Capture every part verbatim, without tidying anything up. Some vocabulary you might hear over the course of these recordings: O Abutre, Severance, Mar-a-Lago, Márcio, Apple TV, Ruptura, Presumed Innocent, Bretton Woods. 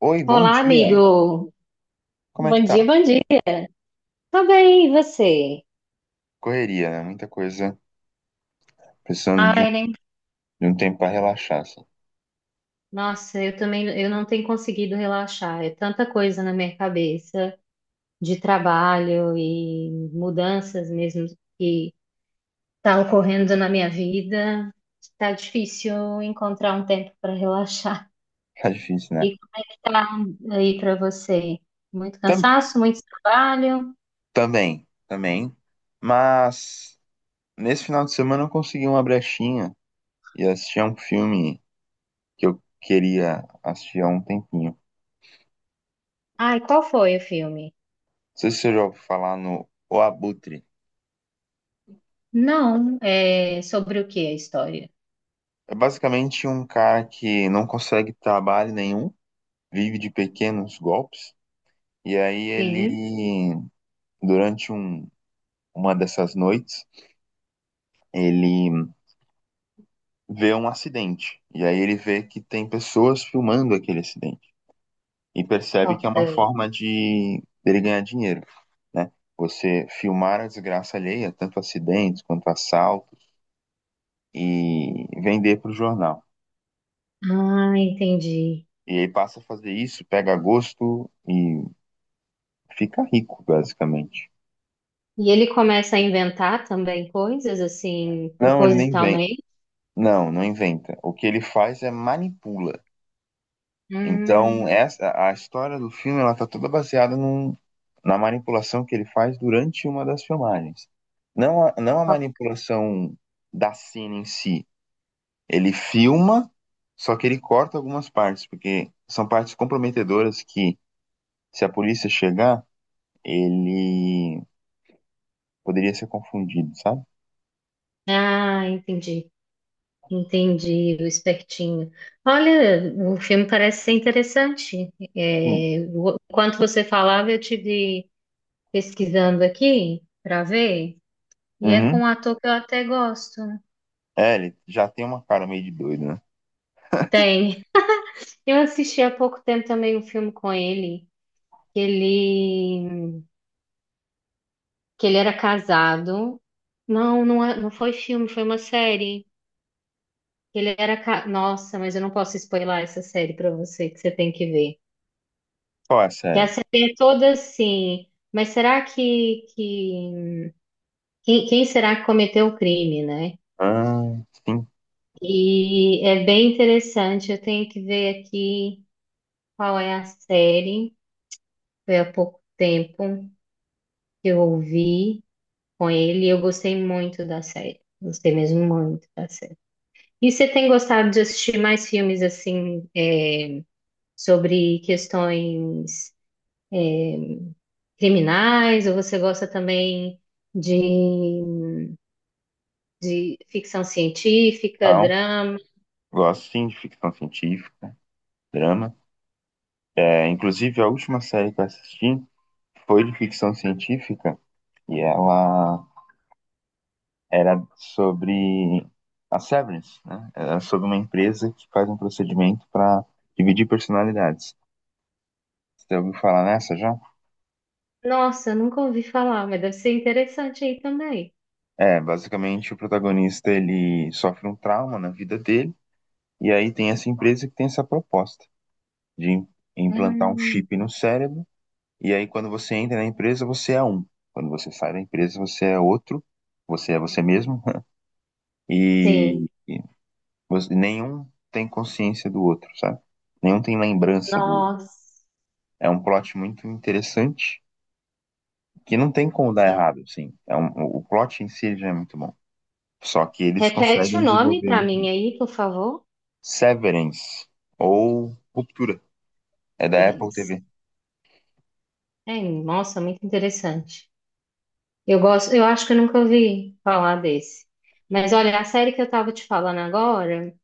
Oi, bom Olá, dia. amigo. Como é que Bom tá? dia, bom dia. Tudo bem, e você? Correria, né? Muita coisa. Precisando de, Ai, nem... de um tempo pra relaxar, assim. Nossa, eu também, eu não tenho conseguido relaxar. É tanta coisa na minha cabeça de trabalho e mudanças mesmo que tá ocorrendo na minha vida. Tá difícil encontrar um tempo para relaxar. Tá difícil, né? E como é que tá aí para você? Muito Tam- cansaço, muito trabalho. também, também. Mas nesse final de semana eu consegui uma brechinha e assisti a um filme que eu queria assistir há um tempinho. Não Ai, qual foi o filme? sei se você já ouviu falar no O Abutre. Não, é sobre o que a história? É basicamente um cara que não consegue trabalho nenhum, vive de pequenos golpes. E aí Sim, ele, durante um- uma dessas noites, ele vê um acidente. E aí ele vê que tem pessoas filmando aquele acidente. E percebe que é ok. uma forma de ele ganhar dinheiro, né? Você filmar a desgraça alheia, tanto acidentes quanto assaltos, e vender para o jornal. Ah, entendi. E aí passa a fazer isso, pega gosto e fica rico, basicamente. E ele começa a inventar também coisas assim, Não, ele nem inventa. propositalmente? Não, não inventa. O que ele faz é manipula. Então, Hum, essa a história do filme ela tá toda baseada num, na manipulação que ele faz durante uma das filmagens. Não a, não a ó. manipulação da cena em si. Ele filma, só que ele corta algumas partes, porque são partes comprometedoras que, se a polícia chegar, ele poderia ser confundido, sabe? ah, entendi. Entendi, o espertinho. Olha, o filme parece ser interessante. Sim. É, o- enquanto você falava, eu tive pesquisando aqui para ver, e é com Uhum. um ator que eu até gosto. É, ele já tem uma cara meio de doido, né? Tem. Eu assisti há pouco tempo também um filme com ele, que ele que ele era casado. Não, não, é- não foi filme, foi uma série. Ele era. ca- Nossa, mas eu não posso spoiler essa série pra você, que você tem que ver. Qual é a Que a série? série é toda assim. Mas será que, que... Quem, quem será que cometeu o crime, né? Ah, sim, E é bem interessante. Eu tenho que ver aqui qual é a série. Foi há pouco tempo que eu ouvi com ele e eu gostei muito da série. Gostei mesmo muito da série. E você tem gostado de assistir mais filmes assim, é, sobre questões criminais, ou você gosta também de, de ficção científica, então, drama? gosto sim de ficção científica, drama. É, inclusive, a última série que eu assisti foi de ficção científica e ela era sobre a Severance, né? Era sobre uma empresa que faz um procedimento para dividir personalidades. Você ouviu falar nessa já? Nossa, eu nunca ouvi falar, mas deve ser interessante aí também. É, basicamente o protagonista ele sofre um trauma na vida dele e aí tem essa empresa que tem essa proposta de im- implantar um Hum, chip no cérebro e aí quando você entra na empresa você é um, quando você sai da empresa você é outro, você é você mesmo. E sim, e você- nenhum tem consciência do outro, sabe? Nenhum tem lembrança do outro. nossa, É um plot muito interessante que não tem como dar sim. errado, assim. É um, o plot em si ele já é muito bom. Só que eles Repete o conseguem nome desenvolver para muito. mim aí, por favor, Severance ou Ruptura. É da Apple Berenice. T V. É, nossa, muito interessante. Eu gosto, eu acho que eu nunca ouvi falar desse. Mas olha, a série que eu tava te falando agora,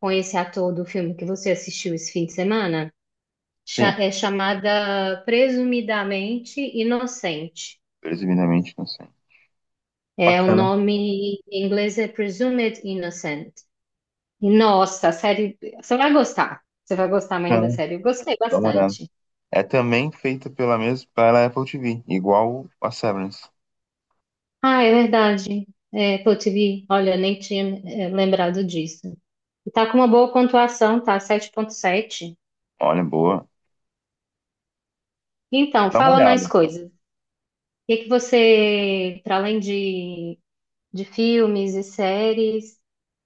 com esse ator do filme que você assistiu esse fim de semana, cha- Sim, é chamada Presumidamente Inocente. presumidamente não sei. É o Bacana, nome em inglês é Presumed Innocent. E nossa, a série, você vai gostar. Você vai gostar mais da bacana, série. Eu gostei dá uma olhada. bastante. É também feita pela mesma, pela Apple T V, igual a Severance. Ah, é verdade. É, Apple T V, olha, nem tinha, é, lembrado disso. E tá com uma boa pontuação, tá? Sete ponto sete. Olha, boa. Então, Dá uma fala mais olhada. coisas. O que é que você, para além de, de filmes e séries,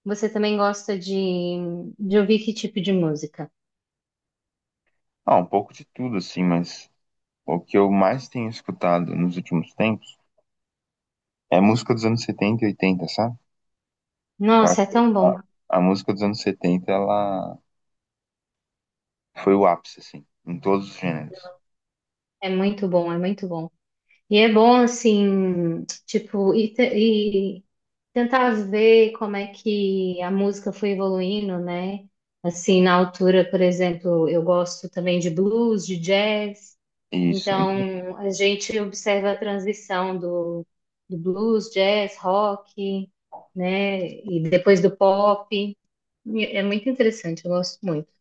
você também gosta de, de ouvir que tipo de música? Ah, um pouco de tudo, assim, mas o que eu mais tenho escutado nos últimos tempos é música dos anos setenta e oitenta, sabe? Eu Nossa, é acho que tão a, bom. a música dos anos setenta ela foi o ápice, assim, em todos os gêneros. É muito bom, é muito bom. E é bom, assim, tipo, e, te- e tentar ver como é que a música foi evoluindo, né? Assim, na altura, por exemplo, eu gosto também de blues, de jazz. Isso. Então, Então, a gente observa a transição do, do blues, jazz, rock, né? E depois do pop. E É muito interessante, eu gosto muito,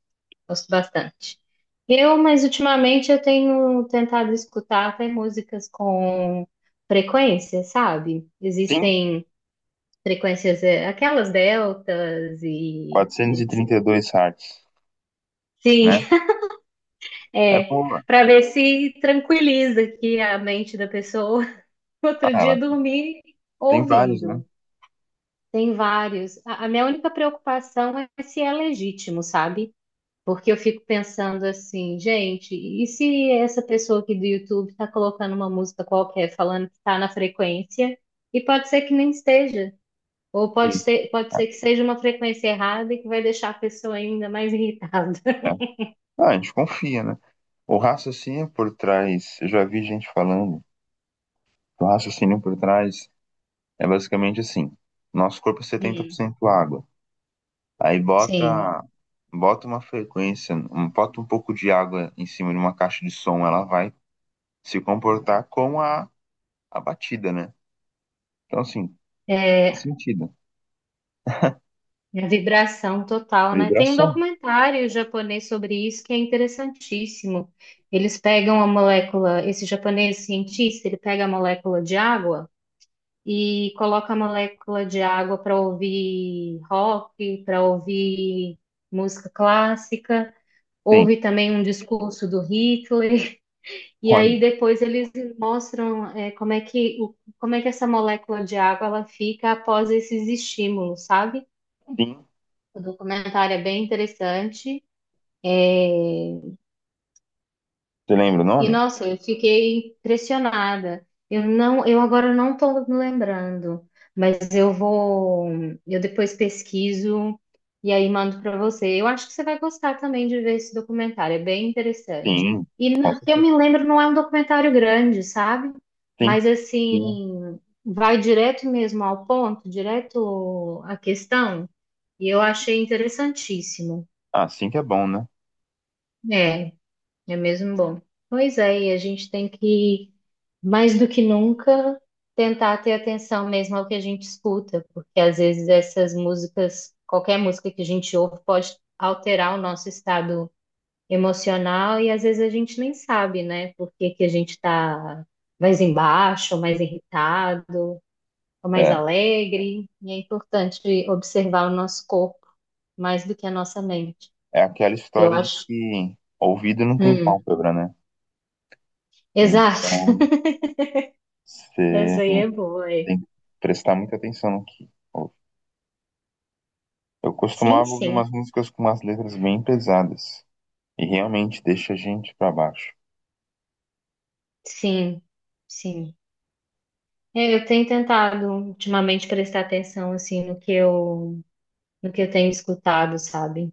gosto bastante. Eu, mas ultimamente eu tenho tentado escutar até músicas com frequência, sabe? sim, Existem frequências, é, aquelas deltas e quatrocentos e trinta e etcétera. dois Hz, Sim, né? É é, boa. para ver se tranquiliza aqui a mente da pessoa. Ah, Outro ela dia dormir tem vários, né? ouvindo. Tem vários. A, a minha única preocupação é se é legítimo, sabe? Porque eu fico pensando assim, gente, e se essa pessoa aqui do YouTube tá colocando uma música qualquer falando que tá na frequência, e pode ser que nem esteja. Ou pode Sim. ser, pode ser que seja uma frequência errada e que vai deixar a pessoa ainda mais irritada. É. Ah, a gente confia, né? O raciocínio por trás, eu já vi gente falando, o raciocínio por trás é basicamente assim, nosso corpo é setenta por Hum, cento água. Aí sim. bota, bota uma frequência, um- bota um pouco de água em cima de uma caixa de som, ela vai se comportar com a, a batida, né? Então, assim, faz É, sentido. A vibração total, né? Tem um Vibração. documentário japonês sobre isso que é interessantíssimo. Eles pegam a molécula, esse japonês cientista, ele pega a molécula de água e coloca a molécula de água para ouvir rock, para ouvir música clássica, Tem. ouve também um discurso do Hitler, e Olha, aí depois eles mostram eh, como é que, o- como é que essa molécula de água ela fica após esses estímulos, sabe? tem. O documentário é bem interessante. É, Você lembra o E nome? nossa, eu fiquei impressionada. Eu não, eu agora não estou me lembrando, mas eu vou, eu depois pesquiso e aí mando para você. Eu acho que você vai gostar também de ver esse documentário, é bem interessante. Tem. E Com n- que eu certeza. me lembro, não é um documentário grande, sabe? Tem. Mas Tem. assim, vai direto mesmo ao ponto, direto à questão, e eu achei interessantíssimo. Ah, sim que é bom, né? É. É mesmo bom. Pois é, e a gente tem que, mais do que nunca, tentar ter atenção mesmo ao que a gente escuta, porque às vezes essas músicas, qualquer música que a gente ouve, pode alterar o nosso estado emocional e às vezes a gente nem sabe, né? Por que que a gente está mais embaixo, ou mais irritado, ou mais É. alegre. E é importante observar o nosso corpo mais do que a nossa mente. É aquela Eu história de acho. que ouvido não tem Hum, pálpebra, né? exato. Então, você Essa aí é boa, é. tem que prestar muita atenção no que ouve. Eu Sim, costumava ouvir umas sim. músicas com umas letras bem pesadas. E realmente deixa a gente pra baixo. Sim, sim. É, Eu tenho tentado ultimamente prestar atenção assim no que eu no que eu tenho escutado, sabe?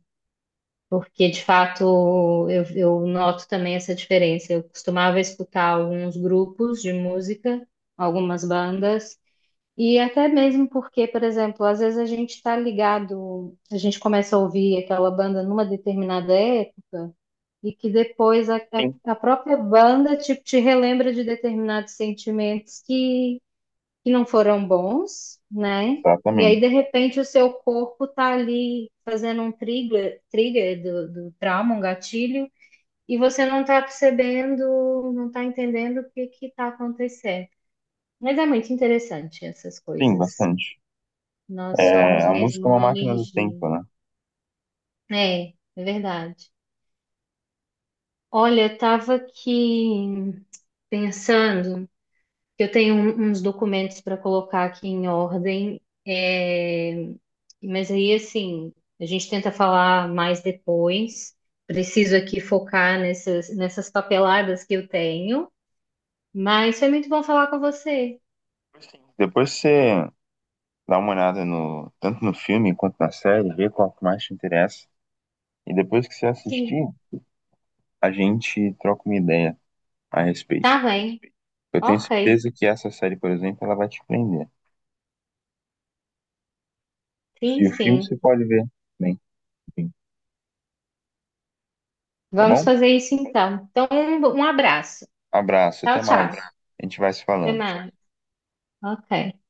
Porque de fato eu, eu noto também essa diferença. Eu costumava escutar alguns grupos de música, algumas bandas, e até mesmo porque, por exemplo, às vezes a gente está ligado, a gente começa a ouvir aquela banda numa determinada época. E que depois a, Sim. a, a própria banda tipo, te relembra de determinados sentimentos que, que não foram bons, né? E aí, Exatamente. de repente, o seu corpo tá ali fazendo um trigger, trigger do, do trauma, um gatilho, e você não tá percebendo, não tá entendendo o que que tá acontecendo. Mas é muito interessante essas Sim, coisas. bastante. Nós É, somos a música mesmo é uma uma máquina do energia. tempo, né? É, é verdade. Olha, eu tava aqui pensando Eu tenho um- uns documentos para colocar aqui em ordem, é, mas aí, assim, a gente tenta falar mais depois. Preciso aqui focar nessas, nessas papeladas que eu tenho, mas foi muito bom falar com você. Sim. Depois você dá uma olhada no, tanto no filme quanto na série, vê qual que mais te interessa. E depois que você Sim, assistir, a gente troca uma ideia a tá respeito. bem. Eu tenho Ok, certeza que essa série, por exemplo, ela vai te prender. E sim, o filme você sim. pode ver também. Enfim. Tá Vamos bom? fazer isso então. Então, um, um abraço. Abraço, Tchau, até tchau. mais. A gente vai se Até falando. mais. Ok.